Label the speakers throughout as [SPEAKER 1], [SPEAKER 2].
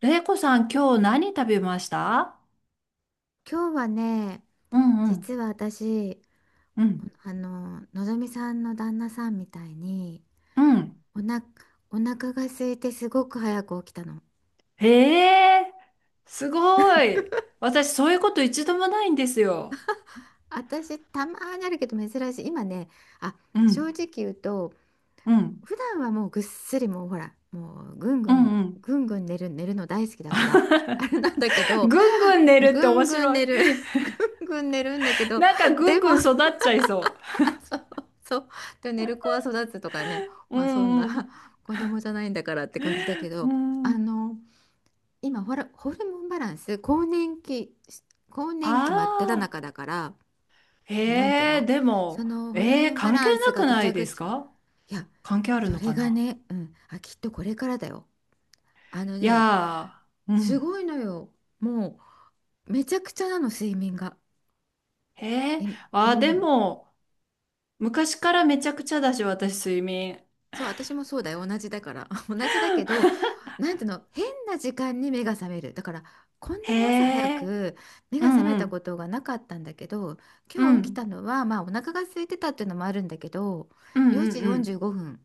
[SPEAKER 1] れいこさん、今日何食べました？
[SPEAKER 2] 今日はね、
[SPEAKER 1] うんう
[SPEAKER 2] 実
[SPEAKER 1] ん、
[SPEAKER 2] は私、
[SPEAKER 1] うん、
[SPEAKER 2] のぞみさんの旦那さんみたいに、
[SPEAKER 1] うん。
[SPEAKER 2] おな、お腹が空いてすごく早く起きたの。
[SPEAKER 1] へえ、すごい。私、そういうこと一度もないんですよ。
[SPEAKER 2] 私、たまーにあるけど珍しい。今ね、あ、
[SPEAKER 1] う
[SPEAKER 2] 正
[SPEAKER 1] ん、
[SPEAKER 2] 直言うと、
[SPEAKER 1] うん、
[SPEAKER 2] 普段はもうぐっすり、もうほら、もうぐんぐ
[SPEAKER 1] うん、
[SPEAKER 2] ん、
[SPEAKER 1] うん。
[SPEAKER 2] ぐんぐん寝る、寝るの大好きだから、あれなんだけ
[SPEAKER 1] ぐん
[SPEAKER 2] ど、
[SPEAKER 1] ぐん寝るっ
[SPEAKER 2] ぐ
[SPEAKER 1] て面
[SPEAKER 2] んぐん
[SPEAKER 1] 白い。
[SPEAKER 2] 寝る、ぐんぐん寝るんだけ ど、
[SPEAKER 1] なんかぐん
[SPEAKER 2] でも、
[SPEAKER 1] ぐん育っちゃいそ
[SPEAKER 2] あ、そうそう。で、寝る子は育つとかね、
[SPEAKER 1] う。う
[SPEAKER 2] まあそんな
[SPEAKER 1] ん
[SPEAKER 2] 子供じゃないんだからって感じだけ
[SPEAKER 1] う
[SPEAKER 2] ど、
[SPEAKER 1] ん。う
[SPEAKER 2] あ
[SPEAKER 1] ん。
[SPEAKER 2] の、今ほら、ホルモンバランス、更年期、更年期真っ只
[SPEAKER 1] ああ。
[SPEAKER 2] 中だから、なんていう
[SPEAKER 1] へえ、
[SPEAKER 2] の、
[SPEAKER 1] で
[SPEAKER 2] そ
[SPEAKER 1] も、
[SPEAKER 2] のホルモンバ
[SPEAKER 1] 関係
[SPEAKER 2] ランス
[SPEAKER 1] な
[SPEAKER 2] が
[SPEAKER 1] く
[SPEAKER 2] ぐ
[SPEAKER 1] な
[SPEAKER 2] ちゃ
[SPEAKER 1] いで
[SPEAKER 2] ぐ
[SPEAKER 1] す
[SPEAKER 2] ちゃ、
[SPEAKER 1] か？
[SPEAKER 2] いや、
[SPEAKER 1] 関係ある
[SPEAKER 2] そ
[SPEAKER 1] の
[SPEAKER 2] れ
[SPEAKER 1] か
[SPEAKER 2] が
[SPEAKER 1] な？
[SPEAKER 2] ね、うん、きっとこれからだよ。あの
[SPEAKER 1] い
[SPEAKER 2] ね、
[SPEAKER 1] やー、う
[SPEAKER 2] す
[SPEAKER 1] ん。
[SPEAKER 2] ごいのよ。もう、めちゃくちゃなの、睡眠が。
[SPEAKER 1] へ
[SPEAKER 2] え、
[SPEAKER 1] え、
[SPEAKER 2] う
[SPEAKER 1] あー、で
[SPEAKER 2] ん。
[SPEAKER 1] も、昔からめちゃくちゃだし、私、睡眠。
[SPEAKER 2] そう、私もそうだよ。同じだから。同じだけど、なんていうの、変な時間に目が覚める。だから、こんな
[SPEAKER 1] へ
[SPEAKER 2] に朝早
[SPEAKER 1] え、
[SPEAKER 2] く目
[SPEAKER 1] う
[SPEAKER 2] が覚
[SPEAKER 1] ん
[SPEAKER 2] め
[SPEAKER 1] う
[SPEAKER 2] たこ
[SPEAKER 1] ん、
[SPEAKER 2] とがなかったんだけど、
[SPEAKER 1] う
[SPEAKER 2] 今日起きた
[SPEAKER 1] ん、
[SPEAKER 2] のは、まあ、お腹が空いてたっていうのもあるんだけど、
[SPEAKER 1] うん
[SPEAKER 2] 4
[SPEAKER 1] うん
[SPEAKER 2] 時
[SPEAKER 1] う
[SPEAKER 2] 45
[SPEAKER 1] ん。
[SPEAKER 2] 分。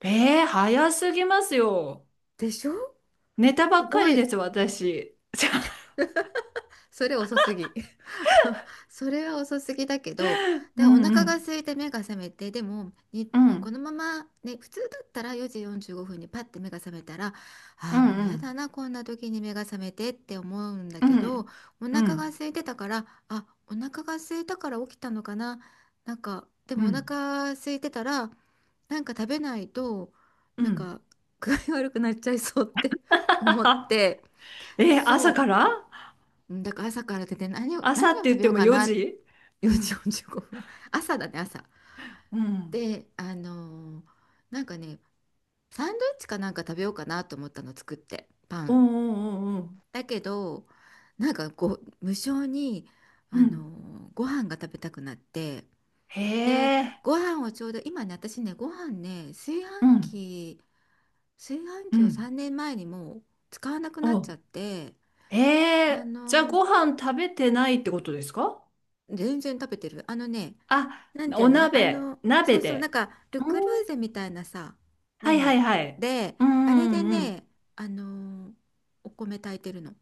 [SPEAKER 1] ええ、早すぎますよ。
[SPEAKER 2] でしょ？
[SPEAKER 1] 寝たば
[SPEAKER 2] す
[SPEAKER 1] っか
[SPEAKER 2] ご
[SPEAKER 1] り
[SPEAKER 2] い。
[SPEAKER 1] です、私。
[SPEAKER 2] それ遅すぎ。それは遅すぎだけど、
[SPEAKER 1] う
[SPEAKER 2] で、お
[SPEAKER 1] んう
[SPEAKER 2] 腹が
[SPEAKER 1] ん、
[SPEAKER 2] 空いて目が覚めて、でも、
[SPEAKER 1] う
[SPEAKER 2] こ
[SPEAKER 1] ん、
[SPEAKER 2] のままね、普通だったら4時45分にパッて目が覚めたら、
[SPEAKER 1] う
[SPEAKER 2] ああ、
[SPEAKER 1] ん
[SPEAKER 2] も
[SPEAKER 1] う
[SPEAKER 2] うやだ
[SPEAKER 1] ん、
[SPEAKER 2] な、こんな時に目が覚めてって思うんだ
[SPEAKER 1] う
[SPEAKER 2] けど、
[SPEAKER 1] ん、
[SPEAKER 2] お
[SPEAKER 1] う
[SPEAKER 2] 腹が
[SPEAKER 1] ん、
[SPEAKER 2] 空いてたから、お腹が空いたから起きたのかな。なんか、で
[SPEAKER 1] う
[SPEAKER 2] もお
[SPEAKER 1] ん、
[SPEAKER 2] 腹空いてたら、なんか食べないと、
[SPEAKER 1] う
[SPEAKER 2] なん
[SPEAKER 1] ん。
[SPEAKER 2] か具合悪くなっちゃいそうって思って、
[SPEAKER 1] え、朝
[SPEAKER 2] そ
[SPEAKER 1] か
[SPEAKER 2] う。
[SPEAKER 1] ら。
[SPEAKER 2] うん、だから朝から出て
[SPEAKER 1] 朝
[SPEAKER 2] 何
[SPEAKER 1] っ
[SPEAKER 2] を
[SPEAKER 1] て
[SPEAKER 2] 食
[SPEAKER 1] 言っ
[SPEAKER 2] べ
[SPEAKER 1] て
[SPEAKER 2] よう
[SPEAKER 1] も
[SPEAKER 2] か
[SPEAKER 1] 4
[SPEAKER 2] な。
[SPEAKER 1] 時う
[SPEAKER 2] 4時
[SPEAKER 1] ん、
[SPEAKER 2] 45分、 朝だね、朝。
[SPEAKER 1] うん、
[SPEAKER 2] で、なんかね、サンドイッチかなんか食べようかなと思ったの、作って、パ
[SPEAKER 1] おう
[SPEAKER 2] ン。
[SPEAKER 1] んうんうん
[SPEAKER 2] だけど、なんかこう無性に、
[SPEAKER 1] うん、うん。
[SPEAKER 2] ご飯が食べたくなって、
[SPEAKER 1] へ
[SPEAKER 2] で
[SPEAKER 1] え、
[SPEAKER 2] ご飯をちょうど今ね、私ね、ご飯ね、
[SPEAKER 1] うん、
[SPEAKER 2] 炊飯
[SPEAKER 1] う
[SPEAKER 2] 器を
[SPEAKER 1] ん、
[SPEAKER 2] 3年前にもう使わなくなっち
[SPEAKER 1] お、
[SPEAKER 2] ゃって、
[SPEAKER 1] へ
[SPEAKER 2] あ
[SPEAKER 1] え、じゃあ
[SPEAKER 2] のー
[SPEAKER 1] ご飯食べてないってことですか？
[SPEAKER 2] 全然食べてる。あのね、
[SPEAKER 1] あ、
[SPEAKER 2] なんていう
[SPEAKER 1] お
[SPEAKER 2] の、
[SPEAKER 1] 鍋、
[SPEAKER 2] そ
[SPEAKER 1] 鍋
[SPEAKER 2] うそう、なん
[SPEAKER 1] で。
[SPEAKER 2] か、ル・
[SPEAKER 1] う
[SPEAKER 2] クル
[SPEAKER 1] ん。
[SPEAKER 2] ーゼみたいなさ、
[SPEAKER 1] は
[SPEAKER 2] 鍋
[SPEAKER 1] いはい
[SPEAKER 2] め
[SPEAKER 1] はい。
[SPEAKER 2] で、
[SPEAKER 1] うん
[SPEAKER 2] あれ
[SPEAKER 1] う
[SPEAKER 2] で
[SPEAKER 1] んうん。
[SPEAKER 2] ね、あのーお米炊いてるの。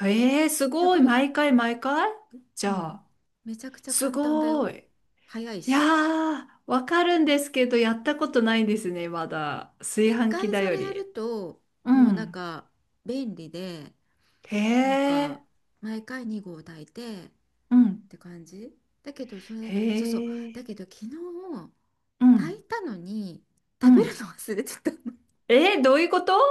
[SPEAKER 1] へえ、す
[SPEAKER 2] す
[SPEAKER 1] ご
[SPEAKER 2] ご
[SPEAKER 1] い。
[SPEAKER 2] い、
[SPEAKER 1] 毎回毎回？じ
[SPEAKER 2] う
[SPEAKER 1] ゃ
[SPEAKER 2] ん、
[SPEAKER 1] あ、
[SPEAKER 2] めちゃくちゃ
[SPEAKER 1] す
[SPEAKER 2] 簡単だよ。
[SPEAKER 1] ごい。
[SPEAKER 2] 早い
[SPEAKER 1] いや
[SPEAKER 2] し。
[SPEAKER 1] ー、わかるんですけど、やったことないんですね、まだ。炊
[SPEAKER 2] 一
[SPEAKER 1] 飯器
[SPEAKER 2] 回
[SPEAKER 1] だ
[SPEAKER 2] そ
[SPEAKER 1] よ
[SPEAKER 2] れや
[SPEAKER 1] り。
[SPEAKER 2] ると、
[SPEAKER 1] う
[SPEAKER 2] もうなん
[SPEAKER 1] ん。
[SPEAKER 2] か、便利で、
[SPEAKER 1] へ
[SPEAKER 2] なん
[SPEAKER 1] え、
[SPEAKER 2] か、毎回2合炊いてっ
[SPEAKER 1] うん。
[SPEAKER 2] て感じ。だけど、
[SPEAKER 1] へ
[SPEAKER 2] そうそう、だ
[SPEAKER 1] え、
[SPEAKER 2] けど、昨日、
[SPEAKER 1] う
[SPEAKER 2] 炊
[SPEAKER 1] ん、
[SPEAKER 2] いたのに、
[SPEAKER 1] う
[SPEAKER 2] 食べる
[SPEAKER 1] ん。
[SPEAKER 2] の忘れてたの。
[SPEAKER 1] どういうこと？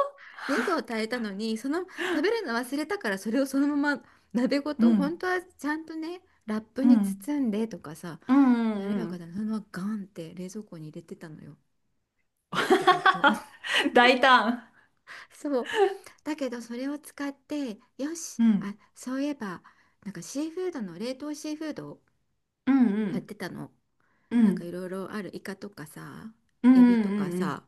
[SPEAKER 2] 2を炊いたのに、その食べるの忘れたから、それをそのまま鍋ご
[SPEAKER 1] う
[SPEAKER 2] と、本
[SPEAKER 1] ん、
[SPEAKER 2] 当はちゃんとね、ラップ
[SPEAKER 1] う
[SPEAKER 2] に
[SPEAKER 1] ん、
[SPEAKER 2] 包んでとかさ、
[SPEAKER 1] うん、う
[SPEAKER 2] やればよ
[SPEAKER 1] ん、う
[SPEAKER 2] かっ
[SPEAKER 1] ん。
[SPEAKER 2] たのに、そのままガンって冷蔵庫に入れてたのよ、鍋ごと。
[SPEAKER 1] 大胆。
[SPEAKER 2] そう、だけどそれを使って、よし、
[SPEAKER 1] うん、
[SPEAKER 2] そういえば、なんかシーフードの冷凍シーフードを
[SPEAKER 1] うん、う
[SPEAKER 2] 買っ
[SPEAKER 1] ん、
[SPEAKER 2] てたの。
[SPEAKER 1] う
[SPEAKER 2] なんかい
[SPEAKER 1] ん。
[SPEAKER 2] ろいろある、イカとかさ、
[SPEAKER 1] う
[SPEAKER 2] エビ
[SPEAKER 1] ん
[SPEAKER 2] とか
[SPEAKER 1] う
[SPEAKER 2] さ、
[SPEAKER 1] ん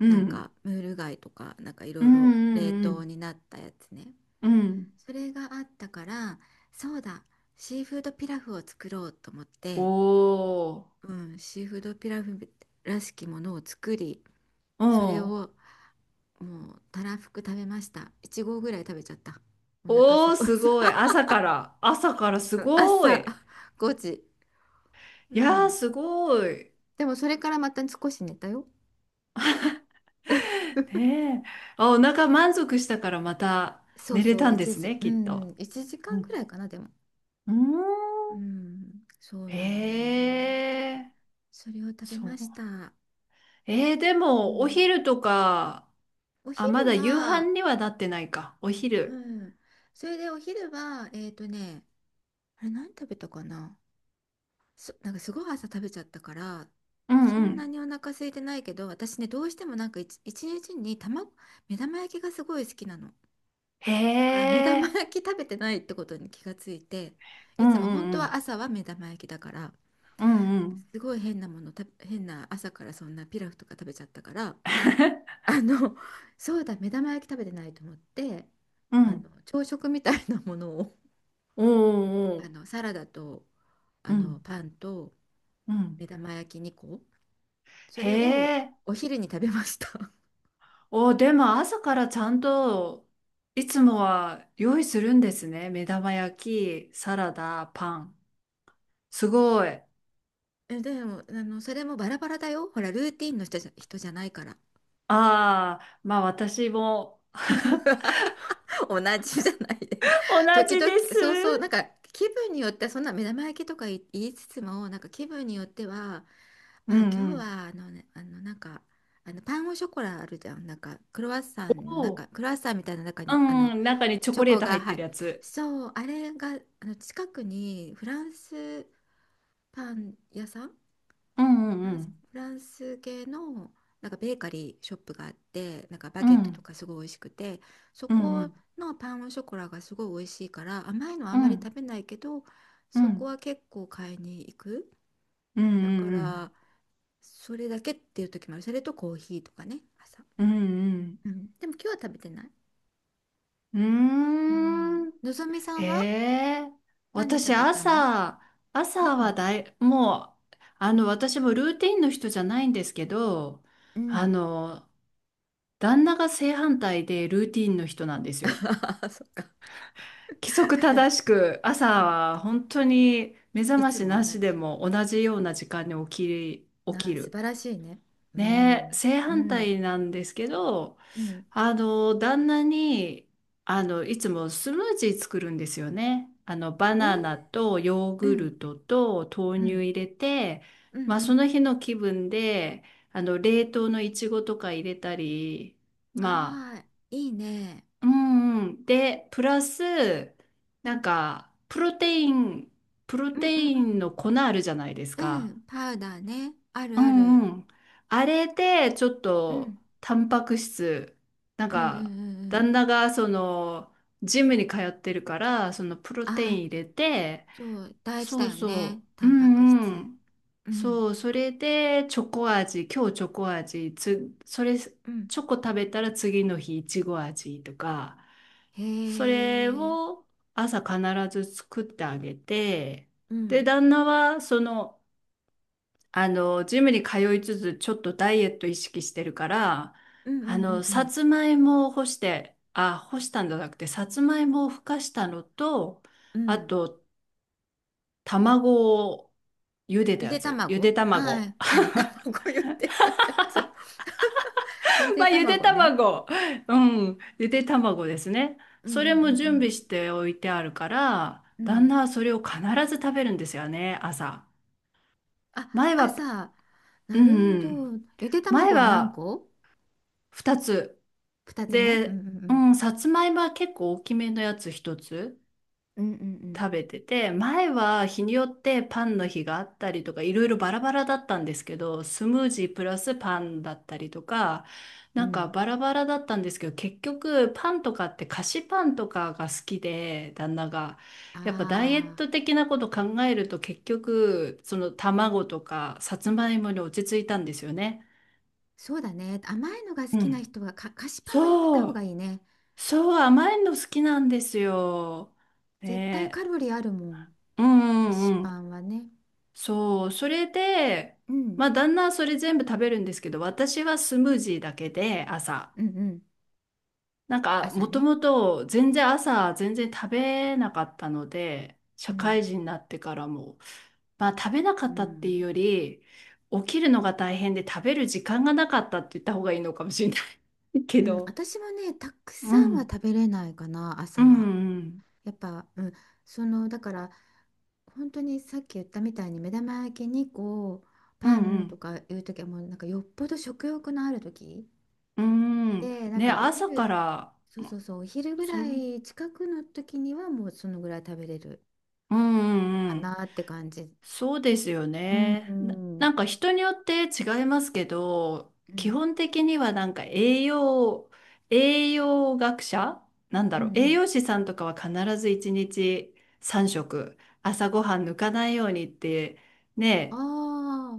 [SPEAKER 1] う
[SPEAKER 2] なんか
[SPEAKER 1] ん
[SPEAKER 2] ムール貝とか、なんかい
[SPEAKER 1] う
[SPEAKER 2] ろい
[SPEAKER 1] ん
[SPEAKER 2] ろ
[SPEAKER 1] う
[SPEAKER 2] 冷
[SPEAKER 1] んう
[SPEAKER 2] 凍
[SPEAKER 1] ん
[SPEAKER 2] になったやつね、
[SPEAKER 1] うんうん。
[SPEAKER 2] それがあったから、そうだ、シーフードピラフを作ろうと思っ
[SPEAKER 1] お
[SPEAKER 2] て、
[SPEAKER 1] ー。
[SPEAKER 2] うん、シーフードピラフらしきものを作り、
[SPEAKER 1] う
[SPEAKER 2] それ
[SPEAKER 1] ん。
[SPEAKER 2] をもうたらふく食べました。1合ぐらい食べちゃった。お腹す
[SPEAKER 1] おー、
[SPEAKER 2] ごい
[SPEAKER 1] す
[SPEAKER 2] さ。
[SPEAKER 1] ごい。朝 から、朝からすご
[SPEAKER 2] 朝
[SPEAKER 1] い。
[SPEAKER 2] 5時。う
[SPEAKER 1] いやー
[SPEAKER 2] ん。
[SPEAKER 1] すごい。
[SPEAKER 2] でもそれからまた少し寝たよ。
[SPEAKER 1] ねえ。あ、お腹満足したからまた
[SPEAKER 2] そう
[SPEAKER 1] 寝れ
[SPEAKER 2] そ
[SPEAKER 1] た
[SPEAKER 2] う、
[SPEAKER 1] んで
[SPEAKER 2] 1
[SPEAKER 1] す
[SPEAKER 2] 時、
[SPEAKER 1] ね、
[SPEAKER 2] う
[SPEAKER 1] きっと。
[SPEAKER 2] ん、1時
[SPEAKER 1] う
[SPEAKER 2] 間ぐ
[SPEAKER 1] ん。
[SPEAKER 2] らいかな、でも。
[SPEAKER 1] うーん。
[SPEAKER 2] うん、そう
[SPEAKER 1] へ
[SPEAKER 2] なのよ。
[SPEAKER 1] え。
[SPEAKER 2] それを食べ
[SPEAKER 1] そ
[SPEAKER 2] ま
[SPEAKER 1] う。
[SPEAKER 2] した。
[SPEAKER 1] で
[SPEAKER 2] う
[SPEAKER 1] もお
[SPEAKER 2] ん。
[SPEAKER 1] 昼とか？
[SPEAKER 2] お
[SPEAKER 1] あ、
[SPEAKER 2] 昼
[SPEAKER 1] まだ夕飯
[SPEAKER 2] は、
[SPEAKER 1] にはなってないかお
[SPEAKER 2] う
[SPEAKER 1] 昼。
[SPEAKER 2] ん。それでお昼は、あれ何食べたかな。なんかすごい朝食べちゃったから、
[SPEAKER 1] う
[SPEAKER 2] そ
[SPEAKER 1] んう
[SPEAKER 2] んな
[SPEAKER 1] ん。
[SPEAKER 2] にお腹空いてないけど、私ね、どうしてもなんか一日に卵、目玉焼きがすごい好きなの。
[SPEAKER 1] へ
[SPEAKER 2] だから目玉
[SPEAKER 1] え。
[SPEAKER 2] 焼き食べてないってことに気がついて、
[SPEAKER 1] う
[SPEAKER 2] い
[SPEAKER 1] ん
[SPEAKER 2] つも
[SPEAKER 1] う
[SPEAKER 2] 本
[SPEAKER 1] んう
[SPEAKER 2] 当は
[SPEAKER 1] ん
[SPEAKER 2] 朝は目玉焼きだから、
[SPEAKER 1] うんうん
[SPEAKER 2] すごい変なものた、変な、朝からそんなピラフとか食べちゃったから、あの、そうだ、目玉焼き食べてないと思って、
[SPEAKER 1] うん。
[SPEAKER 2] 朝食みたいなものを、
[SPEAKER 1] おー。おー。
[SPEAKER 2] サラダと、
[SPEAKER 1] うん
[SPEAKER 2] パンと、
[SPEAKER 1] うん。
[SPEAKER 2] 目玉焼き2個、そ
[SPEAKER 1] へ
[SPEAKER 2] れを
[SPEAKER 1] ー。
[SPEAKER 2] お昼に食べました。
[SPEAKER 1] おー、でも朝からちゃんといつもは用意するんですね、目玉焼きサラダパン。すごい。
[SPEAKER 2] でも、それもバラバラだよ、ほらルーティンの人じゃないから。
[SPEAKER 1] あー、まあ私もはは
[SPEAKER 2] 同じじゃないで、
[SPEAKER 1] っ同
[SPEAKER 2] 時
[SPEAKER 1] じで
[SPEAKER 2] 々、そうそう、なん
[SPEAKER 1] す。
[SPEAKER 2] か気分によってはそんな目玉焼きとか言いつつも、なんか気分によっては、
[SPEAKER 1] う
[SPEAKER 2] まあ今
[SPEAKER 1] んう
[SPEAKER 2] 日
[SPEAKER 1] ん。
[SPEAKER 2] は、ね、なんか、パンオショコラあるじゃん、なんか
[SPEAKER 1] お
[SPEAKER 2] クロワッサンみたいな中
[SPEAKER 1] ー
[SPEAKER 2] に、
[SPEAKER 1] んー、中にチョ
[SPEAKER 2] チョ
[SPEAKER 1] コレー
[SPEAKER 2] コ
[SPEAKER 1] ト入
[SPEAKER 2] が、
[SPEAKER 1] っ
[SPEAKER 2] は
[SPEAKER 1] て
[SPEAKER 2] い。
[SPEAKER 1] るやつ。
[SPEAKER 2] そう、あれが、近くにフランスパン屋さん、
[SPEAKER 1] うんうん
[SPEAKER 2] フランス系の、なんかベーカリーショップがあって、なんかバ
[SPEAKER 1] う
[SPEAKER 2] ゲットと
[SPEAKER 1] ん
[SPEAKER 2] かすごい美味しくて、そ
[SPEAKER 1] う
[SPEAKER 2] こ
[SPEAKER 1] ん
[SPEAKER 2] のパンオショコラがすごい美味しいから、甘いのはあ
[SPEAKER 1] う
[SPEAKER 2] んま
[SPEAKER 1] んう
[SPEAKER 2] り
[SPEAKER 1] ん
[SPEAKER 2] 食べないけど、
[SPEAKER 1] う
[SPEAKER 2] そこ
[SPEAKER 1] ん
[SPEAKER 2] は結構買いに行く。
[SPEAKER 1] うん
[SPEAKER 2] だか
[SPEAKER 1] うん
[SPEAKER 2] ら、それだけっていう時もある。それとコーヒーとかね、朝。
[SPEAKER 1] うんうん
[SPEAKER 2] うん。でも今日は食べてない。
[SPEAKER 1] うん。うー
[SPEAKER 2] うん。
[SPEAKER 1] ん。
[SPEAKER 2] のぞみさ
[SPEAKER 1] へ
[SPEAKER 2] んは
[SPEAKER 1] え、
[SPEAKER 2] 何
[SPEAKER 1] 私
[SPEAKER 2] 食べたの？
[SPEAKER 1] 朝、朝
[SPEAKER 2] う
[SPEAKER 1] は
[SPEAKER 2] ん。
[SPEAKER 1] だい、もう、私もルーティンの人じゃないんですけど、
[SPEAKER 2] う
[SPEAKER 1] あ
[SPEAKER 2] ん。
[SPEAKER 1] の、旦那が正反対でルーティンの人なんで すよ。
[SPEAKER 2] ああ、そっか。
[SPEAKER 1] 規則正しく、朝
[SPEAKER 2] うん。
[SPEAKER 1] は本当に目覚
[SPEAKER 2] い
[SPEAKER 1] ま
[SPEAKER 2] つ
[SPEAKER 1] し
[SPEAKER 2] も
[SPEAKER 1] な
[SPEAKER 2] 同
[SPEAKER 1] しで
[SPEAKER 2] じ。
[SPEAKER 1] も同じような時間に起
[SPEAKER 2] あ
[SPEAKER 1] き
[SPEAKER 2] あ、素
[SPEAKER 1] る。
[SPEAKER 2] 晴らしいね。う
[SPEAKER 1] ね、
[SPEAKER 2] ん。
[SPEAKER 1] 正
[SPEAKER 2] う
[SPEAKER 1] 反
[SPEAKER 2] ん。
[SPEAKER 1] 対なんですけど、
[SPEAKER 2] うん。
[SPEAKER 1] 旦那に、いつもスムージー作るんですよね。バ
[SPEAKER 2] え
[SPEAKER 1] ナナ
[SPEAKER 2] ー、
[SPEAKER 1] とヨー
[SPEAKER 2] う
[SPEAKER 1] グ
[SPEAKER 2] ん。
[SPEAKER 1] ルトと豆
[SPEAKER 2] う
[SPEAKER 1] 乳
[SPEAKER 2] ん。
[SPEAKER 1] 入れて、
[SPEAKER 2] うん。
[SPEAKER 1] まあ、
[SPEAKER 2] う
[SPEAKER 1] そ
[SPEAKER 2] ん。
[SPEAKER 1] の日の気分で、冷凍のいちごとか入れたり、ま
[SPEAKER 2] あ
[SPEAKER 1] あ、
[SPEAKER 2] あ、いいね。
[SPEAKER 1] うんうん。で、プラス、なんか、プロ
[SPEAKER 2] うんう
[SPEAKER 1] テ
[SPEAKER 2] ん
[SPEAKER 1] インの粉あるじゃないです
[SPEAKER 2] うん。う
[SPEAKER 1] か。
[SPEAKER 2] ん。パウダーね。ある
[SPEAKER 1] う
[SPEAKER 2] あ
[SPEAKER 1] ん
[SPEAKER 2] る。
[SPEAKER 1] うん。あれで、ちょっ
[SPEAKER 2] う
[SPEAKER 1] と、
[SPEAKER 2] ん。
[SPEAKER 1] タンパク質、なん
[SPEAKER 2] うんうんう
[SPEAKER 1] か、
[SPEAKER 2] んうん。
[SPEAKER 1] 旦那が、その、ジムに通ってるから、その、プロテイ
[SPEAKER 2] あ
[SPEAKER 1] ン
[SPEAKER 2] あ、
[SPEAKER 1] 入れて、
[SPEAKER 2] そう。大事
[SPEAKER 1] そ
[SPEAKER 2] だ
[SPEAKER 1] う
[SPEAKER 2] よね、
[SPEAKER 1] そう、
[SPEAKER 2] タ
[SPEAKER 1] う
[SPEAKER 2] ンパク
[SPEAKER 1] んう
[SPEAKER 2] 質。
[SPEAKER 1] ん。
[SPEAKER 2] うん。
[SPEAKER 1] そう、それで、チョコ味、今日チョコ味、それ、チ
[SPEAKER 2] うん。
[SPEAKER 1] ョコ食べたら次の日、いちご味とか、
[SPEAKER 2] へ
[SPEAKER 1] それ
[SPEAKER 2] え。
[SPEAKER 1] を朝必ず作ってあげて、
[SPEAKER 2] う
[SPEAKER 1] で、
[SPEAKER 2] ん。
[SPEAKER 1] 旦那は、その、ジムに通いつつ、ちょっとダイエット意識してるから、
[SPEAKER 2] うんうんうんう
[SPEAKER 1] さ
[SPEAKER 2] ん。
[SPEAKER 1] つまいもを干して、あ、干したんじゃなくて、さつまいもをふかしたのと、
[SPEAKER 2] う
[SPEAKER 1] あ
[SPEAKER 2] ん。
[SPEAKER 1] と、卵を茹でた
[SPEAKER 2] ゆ
[SPEAKER 1] や
[SPEAKER 2] で
[SPEAKER 1] つ。ゆで
[SPEAKER 2] 卵、あ
[SPEAKER 1] 卵。
[SPEAKER 2] あ、う ん。卵 ゆでたやつ。ゆで
[SPEAKER 1] まあ、ゆで
[SPEAKER 2] 卵ね。
[SPEAKER 1] 卵。うん。ゆで卵ですね。
[SPEAKER 2] うんう
[SPEAKER 1] それも準備
[SPEAKER 2] ん
[SPEAKER 1] しておいてあるから、
[SPEAKER 2] うんう
[SPEAKER 1] 旦
[SPEAKER 2] ん。
[SPEAKER 1] 那はそれを必ず食べるんですよね、朝。
[SPEAKER 2] あ、
[SPEAKER 1] 前は、
[SPEAKER 2] 朝。
[SPEAKER 1] う
[SPEAKER 2] な
[SPEAKER 1] ん
[SPEAKER 2] る
[SPEAKER 1] う
[SPEAKER 2] ほど。
[SPEAKER 1] ん。
[SPEAKER 2] ゆで
[SPEAKER 1] 前
[SPEAKER 2] 卵は何
[SPEAKER 1] は
[SPEAKER 2] 個？
[SPEAKER 1] 2つ。
[SPEAKER 2] 2 つね。うん
[SPEAKER 1] で、
[SPEAKER 2] うんう
[SPEAKER 1] う
[SPEAKER 2] ん。
[SPEAKER 1] ん、さつまいもは結構大きめのやつ一つ
[SPEAKER 2] うんうん
[SPEAKER 1] 食べてて、前は日によってパンの日があったりとか、いろいろバラバラだったんですけど、スムージープラスパンだったりとか、
[SPEAKER 2] う
[SPEAKER 1] な
[SPEAKER 2] ん
[SPEAKER 1] ん
[SPEAKER 2] う
[SPEAKER 1] か
[SPEAKER 2] ん、
[SPEAKER 1] バラバラだったんですけど、結局パンとかって菓子パンとかが好きで、旦那が。
[SPEAKER 2] あ
[SPEAKER 1] やっぱダイエッ
[SPEAKER 2] あ、
[SPEAKER 1] ト的なこと考えると結局、その卵とかさつまいもに落ち着いたんですよね。
[SPEAKER 2] そうだね。甘いのが好
[SPEAKER 1] う
[SPEAKER 2] きな
[SPEAKER 1] ん。
[SPEAKER 2] 人は菓子パンはやめた
[SPEAKER 1] そ
[SPEAKER 2] 方が
[SPEAKER 1] う。
[SPEAKER 2] いいね。
[SPEAKER 1] そう、甘いの好きなんですよ。
[SPEAKER 2] 絶対カ
[SPEAKER 1] ね
[SPEAKER 2] ロリーあるもん。
[SPEAKER 1] え。うん
[SPEAKER 2] 菓子
[SPEAKER 1] うんう
[SPEAKER 2] パ
[SPEAKER 1] ん。
[SPEAKER 2] ンはね。
[SPEAKER 1] そう、それで、
[SPEAKER 2] うん。
[SPEAKER 1] まあ、旦那はそれ全部食べるんですけど、私はスムージーだけで、朝。
[SPEAKER 2] うんうん。
[SPEAKER 1] なんか、
[SPEAKER 2] 朝
[SPEAKER 1] もと
[SPEAKER 2] ね。
[SPEAKER 1] もと全然朝、全然食べなかったので、
[SPEAKER 2] う
[SPEAKER 1] 社
[SPEAKER 2] ん
[SPEAKER 1] 会人になってからも、まあ、食べなか
[SPEAKER 2] う
[SPEAKER 1] ったっていう
[SPEAKER 2] ん
[SPEAKER 1] より、起きるのが大変で食べる時間がなかったって言った方がいいのかもしれない け
[SPEAKER 2] うん。うん。
[SPEAKER 1] ど。
[SPEAKER 2] 私もね、たく
[SPEAKER 1] う
[SPEAKER 2] さんは
[SPEAKER 1] ん。
[SPEAKER 2] 食べれないかな、
[SPEAKER 1] う
[SPEAKER 2] 朝
[SPEAKER 1] ん
[SPEAKER 2] は。
[SPEAKER 1] うん。
[SPEAKER 2] やっぱ、うん、だから本当にさっき言ったみたいに、目玉焼きにこう、
[SPEAKER 1] うん
[SPEAKER 2] パ
[SPEAKER 1] う
[SPEAKER 2] ンと
[SPEAKER 1] ん。
[SPEAKER 2] かいう時はもうなんかよっぽど食欲のある時
[SPEAKER 1] うーん。
[SPEAKER 2] で、なん
[SPEAKER 1] ね、
[SPEAKER 2] か
[SPEAKER 1] 朝から、
[SPEAKER 2] そうそうそう、お昼ぐ
[SPEAKER 1] そ
[SPEAKER 2] ら
[SPEAKER 1] の、
[SPEAKER 2] い近くの時にはもうそのぐらい食べれる
[SPEAKER 1] うんうん
[SPEAKER 2] か
[SPEAKER 1] うん。
[SPEAKER 2] なって感じ。
[SPEAKER 1] そうですよ
[SPEAKER 2] うんう
[SPEAKER 1] ね。な
[SPEAKER 2] ん
[SPEAKER 1] んか人によって違いますけど、
[SPEAKER 2] う
[SPEAKER 1] 基
[SPEAKER 2] ん
[SPEAKER 1] 本的にはなんか栄養学者なんだ
[SPEAKER 2] うんう
[SPEAKER 1] ろう。栄
[SPEAKER 2] ん。
[SPEAKER 1] 養士さんとかは必ず1日3食、朝ごはん抜かないようにって、
[SPEAKER 2] あ
[SPEAKER 1] ね、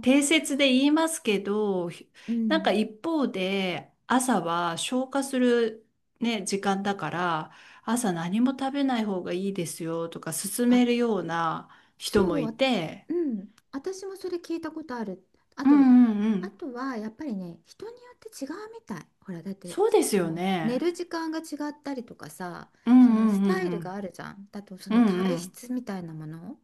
[SPEAKER 1] 定説で言いますけど、
[SPEAKER 2] う
[SPEAKER 1] なんか
[SPEAKER 2] ん。
[SPEAKER 1] 一方で朝は消化するね、時間だから、朝何も食べない方がいいですよとか勧
[SPEAKER 2] あ、
[SPEAKER 1] めるような人も
[SPEAKER 2] そう、
[SPEAKER 1] い
[SPEAKER 2] あ
[SPEAKER 1] て、
[SPEAKER 2] うん、私もそれ聞いたことある。あ
[SPEAKER 1] う
[SPEAKER 2] と、
[SPEAKER 1] んうんう
[SPEAKER 2] あ
[SPEAKER 1] ん。
[SPEAKER 2] とはやっぱりね、人によって違うみたい。ほら、だって、
[SPEAKER 1] そうです
[SPEAKER 2] そ
[SPEAKER 1] よ
[SPEAKER 2] の寝
[SPEAKER 1] ね。
[SPEAKER 2] る時間が違ったりとかさ、
[SPEAKER 1] う
[SPEAKER 2] そ
[SPEAKER 1] ん
[SPEAKER 2] の
[SPEAKER 1] う
[SPEAKER 2] スタイル
[SPEAKER 1] ん
[SPEAKER 2] があるじゃん。だとそ
[SPEAKER 1] うんうん。う
[SPEAKER 2] の
[SPEAKER 1] んう
[SPEAKER 2] 体
[SPEAKER 1] ん。
[SPEAKER 2] 質みたいなもの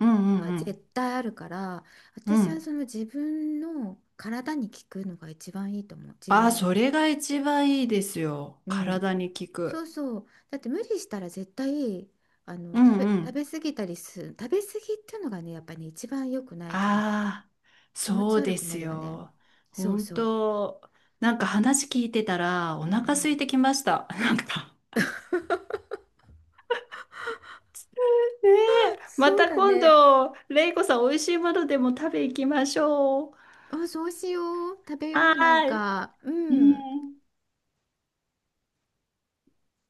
[SPEAKER 1] うん
[SPEAKER 2] が
[SPEAKER 1] う
[SPEAKER 2] 絶
[SPEAKER 1] ん
[SPEAKER 2] 対あるから、
[SPEAKER 1] うん。う
[SPEAKER 2] 私は
[SPEAKER 1] ん。
[SPEAKER 2] その自分の体に効くのが一番いいと思う。自
[SPEAKER 1] あ、
[SPEAKER 2] 分
[SPEAKER 1] そ
[SPEAKER 2] で。
[SPEAKER 1] れが一番いいですよ。
[SPEAKER 2] うん。
[SPEAKER 1] 体に効
[SPEAKER 2] そう
[SPEAKER 1] く。
[SPEAKER 2] そう。だって無理したら絶対、
[SPEAKER 1] うんう
[SPEAKER 2] 食
[SPEAKER 1] ん。
[SPEAKER 2] べ過ぎたりする、食べ過ぎっていうのがね、やっぱり、ね、一番良くない気がする。
[SPEAKER 1] ああ、
[SPEAKER 2] 気持
[SPEAKER 1] そ
[SPEAKER 2] ち
[SPEAKER 1] う
[SPEAKER 2] 悪
[SPEAKER 1] で
[SPEAKER 2] くな
[SPEAKER 1] す
[SPEAKER 2] るよね。
[SPEAKER 1] よ。
[SPEAKER 2] そう
[SPEAKER 1] 本
[SPEAKER 2] そう。
[SPEAKER 1] 当、なんか話聞いてたらお
[SPEAKER 2] うんう
[SPEAKER 1] 腹空い
[SPEAKER 2] ん。
[SPEAKER 1] てきました。なんか。ねえ、ま
[SPEAKER 2] そう
[SPEAKER 1] た
[SPEAKER 2] だ
[SPEAKER 1] 今
[SPEAKER 2] ね。
[SPEAKER 1] 度、レイコさん、美味しいものでも食べ行きましょう。
[SPEAKER 2] あ、そうしよう。食べよ
[SPEAKER 1] は
[SPEAKER 2] う。なん
[SPEAKER 1] ーい。
[SPEAKER 2] か、う
[SPEAKER 1] う
[SPEAKER 2] ん。
[SPEAKER 1] ん。